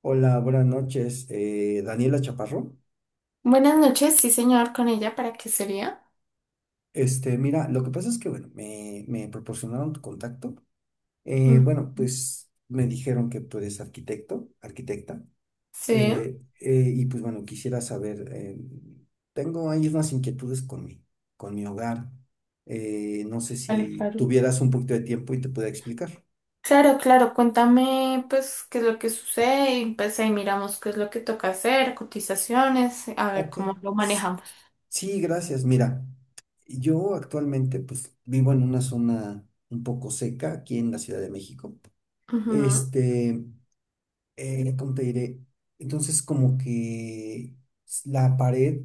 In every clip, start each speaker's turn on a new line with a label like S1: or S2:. S1: Hola, buenas noches, Daniela Chaparro.
S2: Buenas noches, sí señor, con ella, ¿para qué sería?
S1: Este, mira, lo que pasa es que, bueno, me proporcionaron tu contacto.
S2: Ujú.
S1: Bueno, pues me dijeron que tú eres arquitecta,
S2: Sí.
S1: y pues bueno, quisiera saber, tengo ahí unas inquietudes con mi hogar. No sé
S2: Vale,
S1: si
S2: claro,
S1: tuvieras un poquito de tiempo y te pueda explicar.
S2: claro, claro, cuéntame pues qué es lo que sucede y pues ahí miramos qué es lo que toca hacer, cotizaciones, a ver
S1: Ok.
S2: cómo lo manejamos.
S1: Sí, gracias. Mira, yo actualmente pues vivo en una zona un poco seca aquí en la Ciudad de México.
S2: Ujú.
S1: Este, ¿cómo te diré? Entonces como que la pared,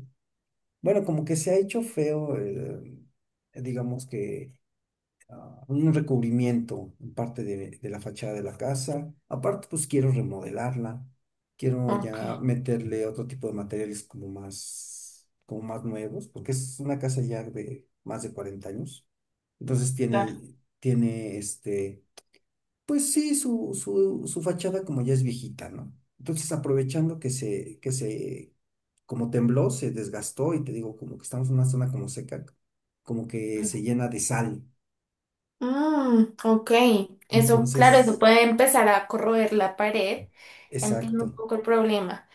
S1: bueno, como que se ha hecho feo, digamos que un recubrimiento en parte de la fachada de la casa. Aparte, pues quiero remodelarla, quiero ya
S2: Ok.
S1: meterle otro tipo de materiales como más nuevos, porque es una casa ya de más de 40 años. Entonces
S2: Claro,
S1: tiene este, pues sí, su fachada como ya es viejita, ¿no? Entonces aprovechando como tembló, se desgastó y te digo, como que estamos en una zona como seca, como que
S2: claro.
S1: se llena de sal.
S2: Mm, ok, eso, claro, eso
S1: Entonces,
S2: puede empezar a corroer la pared, entiendo un
S1: exacto.
S2: poco el problema.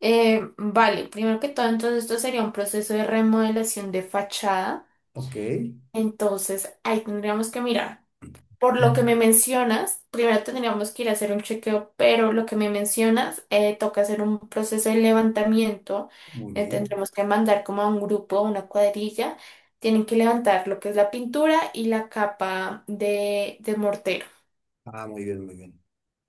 S2: Vale, primero que todo, entonces esto sería un proceso de remodelación de fachada,
S1: Ok.
S2: entonces ahí tendríamos que mirar. Por lo que me
S1: Mm.
S2: mencionas, primero tendríamos que ir a hacer un chequeo, pero lo que me mencionas, toca hacer un proceso de levantamiento.
S1: Muy bien.
S2: Tendremos que mandar como a un grupo, una cuadrilla. Tienen que levantar lo que es la pintura y la capa de mortero.
S1: Ah, muy bien, muy bien.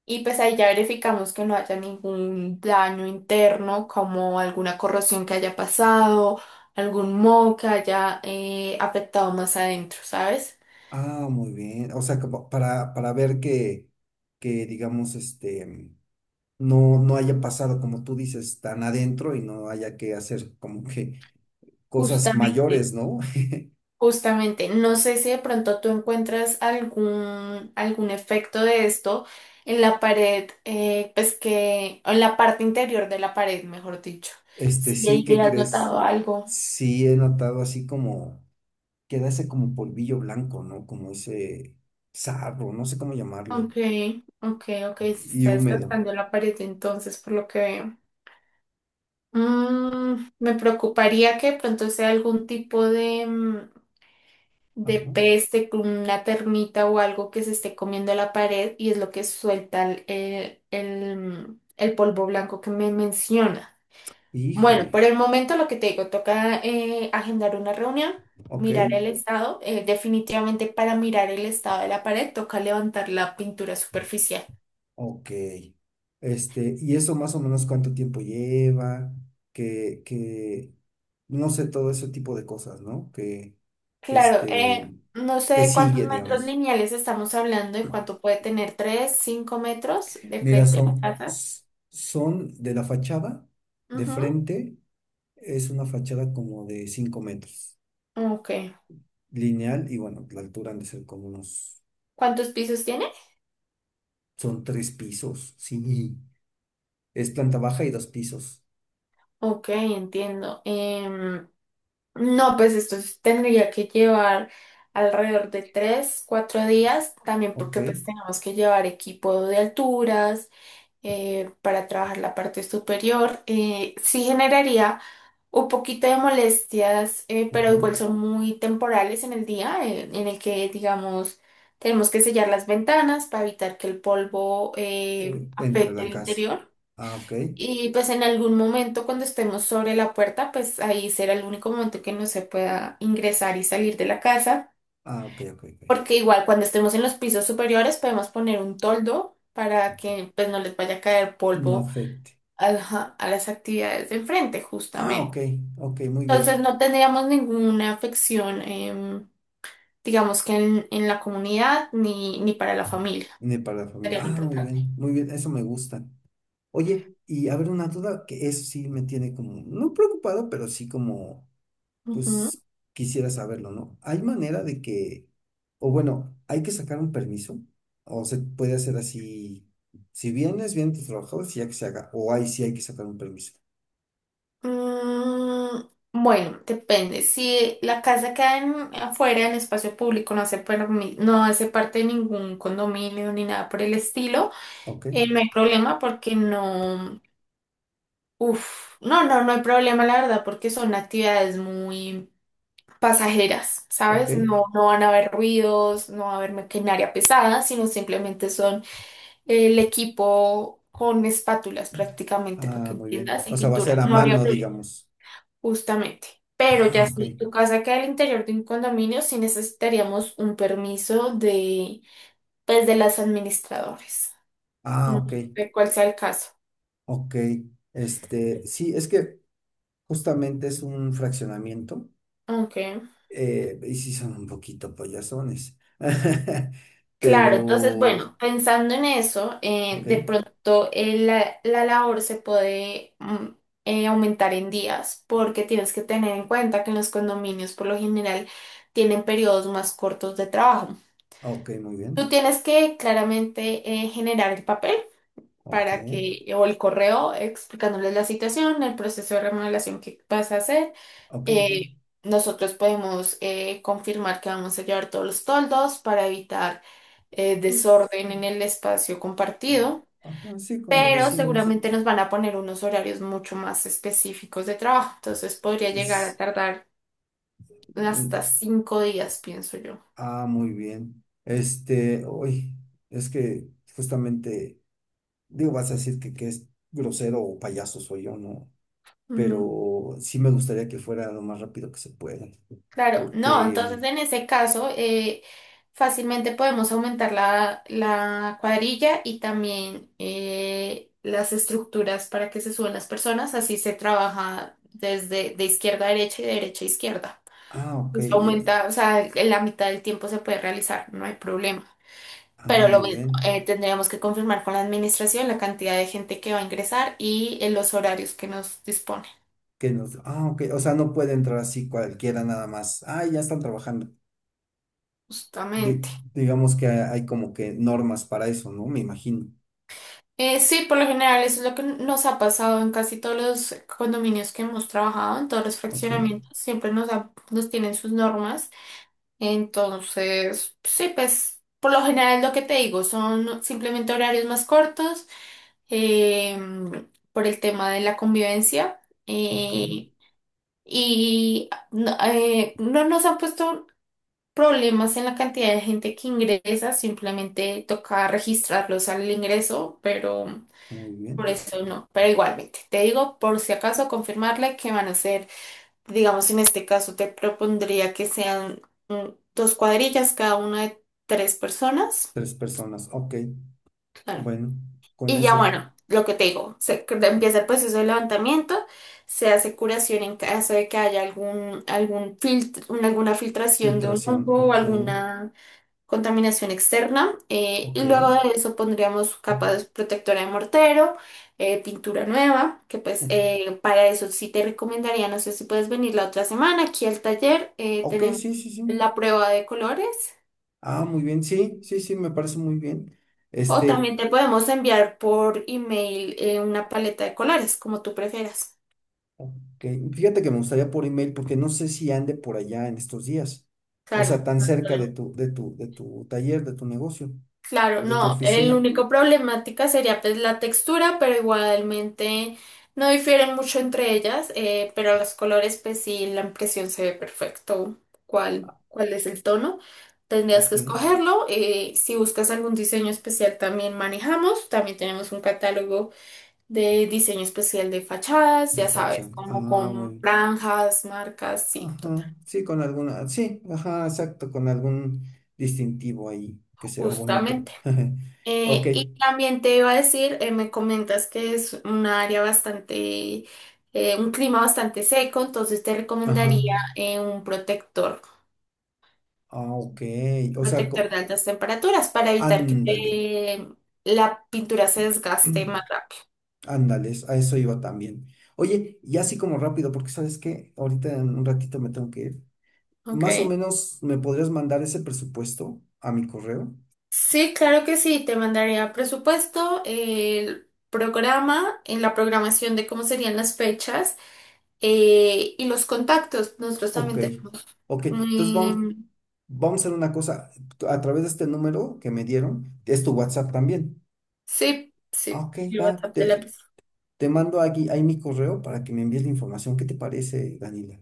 S2: Y pues ahí ya verificamos que no haya ningún daño interno, como alguna corrosión que haya pasado, algún moho que haya afectado más adentro, ¿sabes?
S1: Ah, muy bien. O sea, como para ver que digamos, no, no haya pasado, como tú dices, tan adentro y no haya que hacer como que cosas
S2: Justamente.
S1: mayores, ¿no?
S2: Justamente, no sé si de pronto tú encuentras algún, algún efecto de esto en la pared, pues que, o en la parte interior de la pared, mejor dicho.
S1: Este,
S2: Si
S1: sí
S2: ahí
S1: que
S2: has
S1: crees,
S2: notado algo.
S1: sí he notado así como, queda ese como polvillo blanco, ¿no? Como ese sarro, no sé cómo llamarle,
S2: Ok, ok, ok, se
S1: y
S2: está
S1: húmedo.
S2: desgastando la pared entonces, por lo que veo. Mm, me preocuparía que de pronto sea algún tipo de
S1: Ajá.
S2: peste, con una termita o algo que se esté comiendo la pared y es lo que suelta el polvo blanco que me menciona. Bueno,
S1: Híjole.
S2: por el momento lo que te digo, toca agendar una reunión,
S1: Ok,
S2: mirar el estado. Definitivamente para mirar el estado de la pared toca levantar la pintura superficial.
S1: ok. Este, y eso más o menos cuánto tiempo lleva, que, que, no sé, todo ese tipo de cosas, ¿no? Que
S2: Claro,
S1: este,
S2: no sé
S1: que
S2: de cuántos
S1: sigue,
S2: metros
S1: digamos.
S2: lineales estamos hablando y cuánto puede tener, ¿tres, cinco metros de
S1: Mira,
S2: frente a la casa?
S1: son de la fachada, de
S2: Ujú.
S1: frente, es una fachada como de 5 metros,
S2: Ok.
S1: lineal, y bueno, la altura han de ser como unos,
S2: ¿Cuántos pisos tiene?
S1: son tres pisos, sí, es planta baja y dos pisos,
S2: Ok, entiendo. No, pues tendría que llevar alrededor de tres, cuatro días, también
S1: ok,
S2: porque pues tenemos que llevar equipo de alturas para trabajar la parte superior. Sí generaría un poquito de molestias, pero
S1: ajá,
S2: igual son muy temporales en el día, en el que, digamos, tenemos que sellar las ventanas para evitar que el polvo
S1: entra a
S2: afecte
S1: la
S2: el
S1: casa.
S2: interior.
S1: Ah, ok.
S2: Y pues en algún momento cuando estemos sobre la puerta, pues ahí será el único momento que no se pueda ingresar y salir de la casa,
S1: Ah, ok, ok, ok.
S2: porque igual cuando estemos en los pisos superiores podemos poner un toldo para que pues no les vaya a caer
S1: No
S2: polvo
S1: afecte.
S2: a, a las actividades de enfrente,
S1: Ah, ok,
S2: justamente.
S1: ok, muy
S2: Entonces
S1: bien.
S2: no tendríamos ninguna afección, digamos que en la comunidad ni, ni para la familia.
S1: Viene para la familia.
S2: Sería lo
S1: Ah,
S2: importante.
S1: muy bien, eso me gusta. Oye, y a ver, una duda que eso sí me tiene como, no preocupado, pero sí como,
S2: Ujú.
S1: pues quisiera saberlo, ¿no? ¿Hay manera de que, o bueno, hay que sacar un permiso? ¿O se puede hacer así? Si vienen tus trabajadores y ya que se haga. Sí hay que sacar un permiso.
S2: Mm, bueno, depende. Si la casa queda afuera, en espacio público, no hace, no hace parte de ningún condominio ni nada por el estilo,
S1: Ok,
S2: no hay problema porque no... Uf, no, no, no hay problema, la verdad, porque son actividades muy pasajeras,
S1: ok.
S2: ¿sabes? No, no van a haber ruidos, no va a haber maquinaria pesada, sino simplemente son el equipo con espátulas prácticamente, para
S1: Ah,
S2: que
S1: muy bien.
S2: entiendas, y
S1: O sea, va a ser
S2: pintura.
S1: a
S2: No habría
S1: mano,
S2: problema.
S1: digamos.
S2: Justamente. Pero
S1: Ah,
S2: ya
S1: ok.
S2: si tu casa queda al interior de un condominio, sí necesitaríamos un permiso de, pues, de las administradores.
S1: Ah,
S2: No
S1: ok.
S2: sé cuál sea el caso.
S1: Ok. Este, sí, es que justamente es un fraccionamiento.
S2: Ok.
S1: Y sí son un poquito payasones.
S2: Claro, entonces,
S1: Pero,
S2: bueno, pensando en eso,
S1: ok.
S2: de pronto la, la labor se puede mm, aumentar en días, porque tienes que tener en cuenta que en los condominios por lo general tienen periodos más cortos de trabajo.
S1: Ok, muy
S2: Tú
S1: bien.
S2: tienes que claramente generar el papel
S1: Ok.
S2: para que, o el correo explicándoles la situación, el proceso de remodelación que vas a hacer.
S1: Ok, ok.
S2: Eh, Nosotros podemos confirmar que vamos a llevar todos los toldos para evitar
S1: Pues,
S2: desorden en el espacio compartido,
S1: ajá, sí, con los
S2: pero
S1: vecinos.
S2: seguramente nos van a poner unos horarios mucho más específicos de trabajo, entonces podría llegar a
S1: Es
S2: tardar
S1: un-
S2: hasta cinco días, pienso yo.
S1: ah, muy bien. Este, hoy, es que justamente. Digo, vas a decir que es grosero o payaso soy yo, ¿no?
S2: Ujú.
S1: Pero sí me gustaría que fuera lo más rápido que se pueda.
S2: Claro, no, entonces
S1: Porque,
S2: en ese caso fácilmente podemos aumentar la, la cuadrilla y también las estructuras para que se suban las personas, así se trabaja desde de izquierda a derecha y de derecha a izquierda.
S1: ah, ok,
S2: Eso aumenta, o sea, en la mitad del tiempo se puede realizar, no hay problema.
S1: ah,
S2: Pero lo
S1: muy
S2: mismo,
S1: bien.
S2: tendríamos que confirmar con la administración la cantidad de gente que va a ingresar y los horarios que nos dispone,
S1: Ah, ok, o sea, no puede entrar así cualquiera nada más. Ah, ya están trabajando. Di-
S2: justamente.
S1: digamos que hay como que normas para eso, ¿no? Me imagino.
S2: Sí, por lo general eso es lo que nos ha pasado en casi todos los condominios que hemos trabajado, en todos los
S1: Ok,
S2: fraccionamientos, siempre nos tienen sus normas. Entonces, sí, pues por lo general lo que te digo son simplemente horarios más cortos eh, por el tema de la convivencia,
S1: ok,
S2: eh, y no, no nos han puesto problemas en la cantidad de gente que ingresa, simplemente toca registrarlos al ingreso, pero...
S1: muy
S2: Por
S1: bien.
S2: eso no, pero igualmente, te digo por si acaso confirmarle que van a ser, digamos en este caso te propondría que sean mm, dos cuadrillas, cada una de tres personas.
S1: Tres personas, ok,
S2: Claro.
S1: bueno, con
S2: Y ya
S1: eso,
S2: bueno, lo que te digo, empieza el proceso de levantamiento, se hace curación en caso de que haya algún, algún filtro, alguna filtración de un
S1: filtración,
S2: hongo o
S1: ok,
S2: alguna contaminación externa, y
S1: ok.
S2: luego de eso pondríamos protectora de mortero, pintura nueva, que pues
S1: O-
S2: para eso sí te recomendaría, no sé si puedes venir la otra semana aquí al taller,
S1: Ok,
S2: tenemos
S1: sí, sí, sí.
S2: la prueba de colores
S1: Ah, muy bien, sí, sí, sí, me parece muy bien.
S2: o
S1: Este,
S2: también te podemos enviar por email una paleta de colores, como tú prefieras.
S1: ok, fíjate que me gustaría por email porque no sé si ande por allá en estos días, o
S2: Claro.
S1: sea, tan cerca de tu, de tu taller, de tu negocio, o
S2: Claro,
S1: de tu
S2: no, el
S1: oficina,
S2: único problemática sería pues la textura, pero igualmente no difieren mucho entre ellas, pero los colores pues sí, la impresión se ve perfecto cuál, cuál es el tono. Tendrías
S1: ok,
S2: que escogerlo. Si buscas algún diseño especial también manejamos, también tenemos un catálogo de diseño especial de fachadas,
S1: de
S2: ya sabes,
S1: fachada.
S2: como
S1: Ah, muy
S2: con
S1: bien.
S2: franjas, marcas, sí, total.
S1: Ajá, sí, con alguna, sí, ajá, exacto, con algún distintivo ahí que se vea bonito.
S2: Justamente.
S1: Ok,
S2: Y también te iba a decir, me comentas que es una área bastante, un clima bastante seco, entonces te
S1: ajá,
S2: recomendaría un protector,
S1: ah, ok, o sea,
S2: protector de altas temperaturas para evitar que
S1: ándale.
S2: la pintura se desgaste más rápido.
S1: Ándales, a eso iba también. Oye, y así como rápido, porque sabes que ahorita en un ratito me tengo que ir. Más o
S2: Okay.
S1: menos, ¿me podrías mandar ese presupuesto a mi correo?
S2: Sí, claro que sí, te mandaría presupuesto, el programa, en la programación de cómo serían las fechas y los contactos. Nosotros
S1: Ok,
S2: también tenemos.
S1: ok. Entonces vamos,
S2: em,
S1: vamos a hacer una cosa. A través de este número que me dieron, es tu WhatsApp también.
S2: Sí,
S1: Ah,
S2: sí,
S1: ok,
S2: el
S1: va.
S2: WhatsApp de la
S1: Te,
S2: empresa.
S1: te mando aquí, ahí mi correo para que me envíes la información. ¿Qué te parece, Daniela?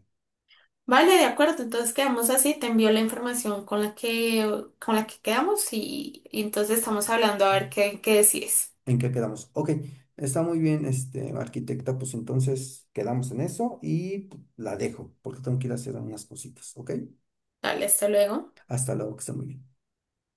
S2: Vale, de acuerdo, entonces quedamos así, te envío la información con la que quedamos y entonces estamos hablando a ver qué, qué decides.
S1: ¿En qué quedamos? Ok, está muy bien, este, arquitecta, pues entonces quedamos en eso y la dejo, porque tengo que ir a hacer unas cositas, ¿ok?
S2: Dale, hasta luego.
S1: Hasta luego, que esté muy bien.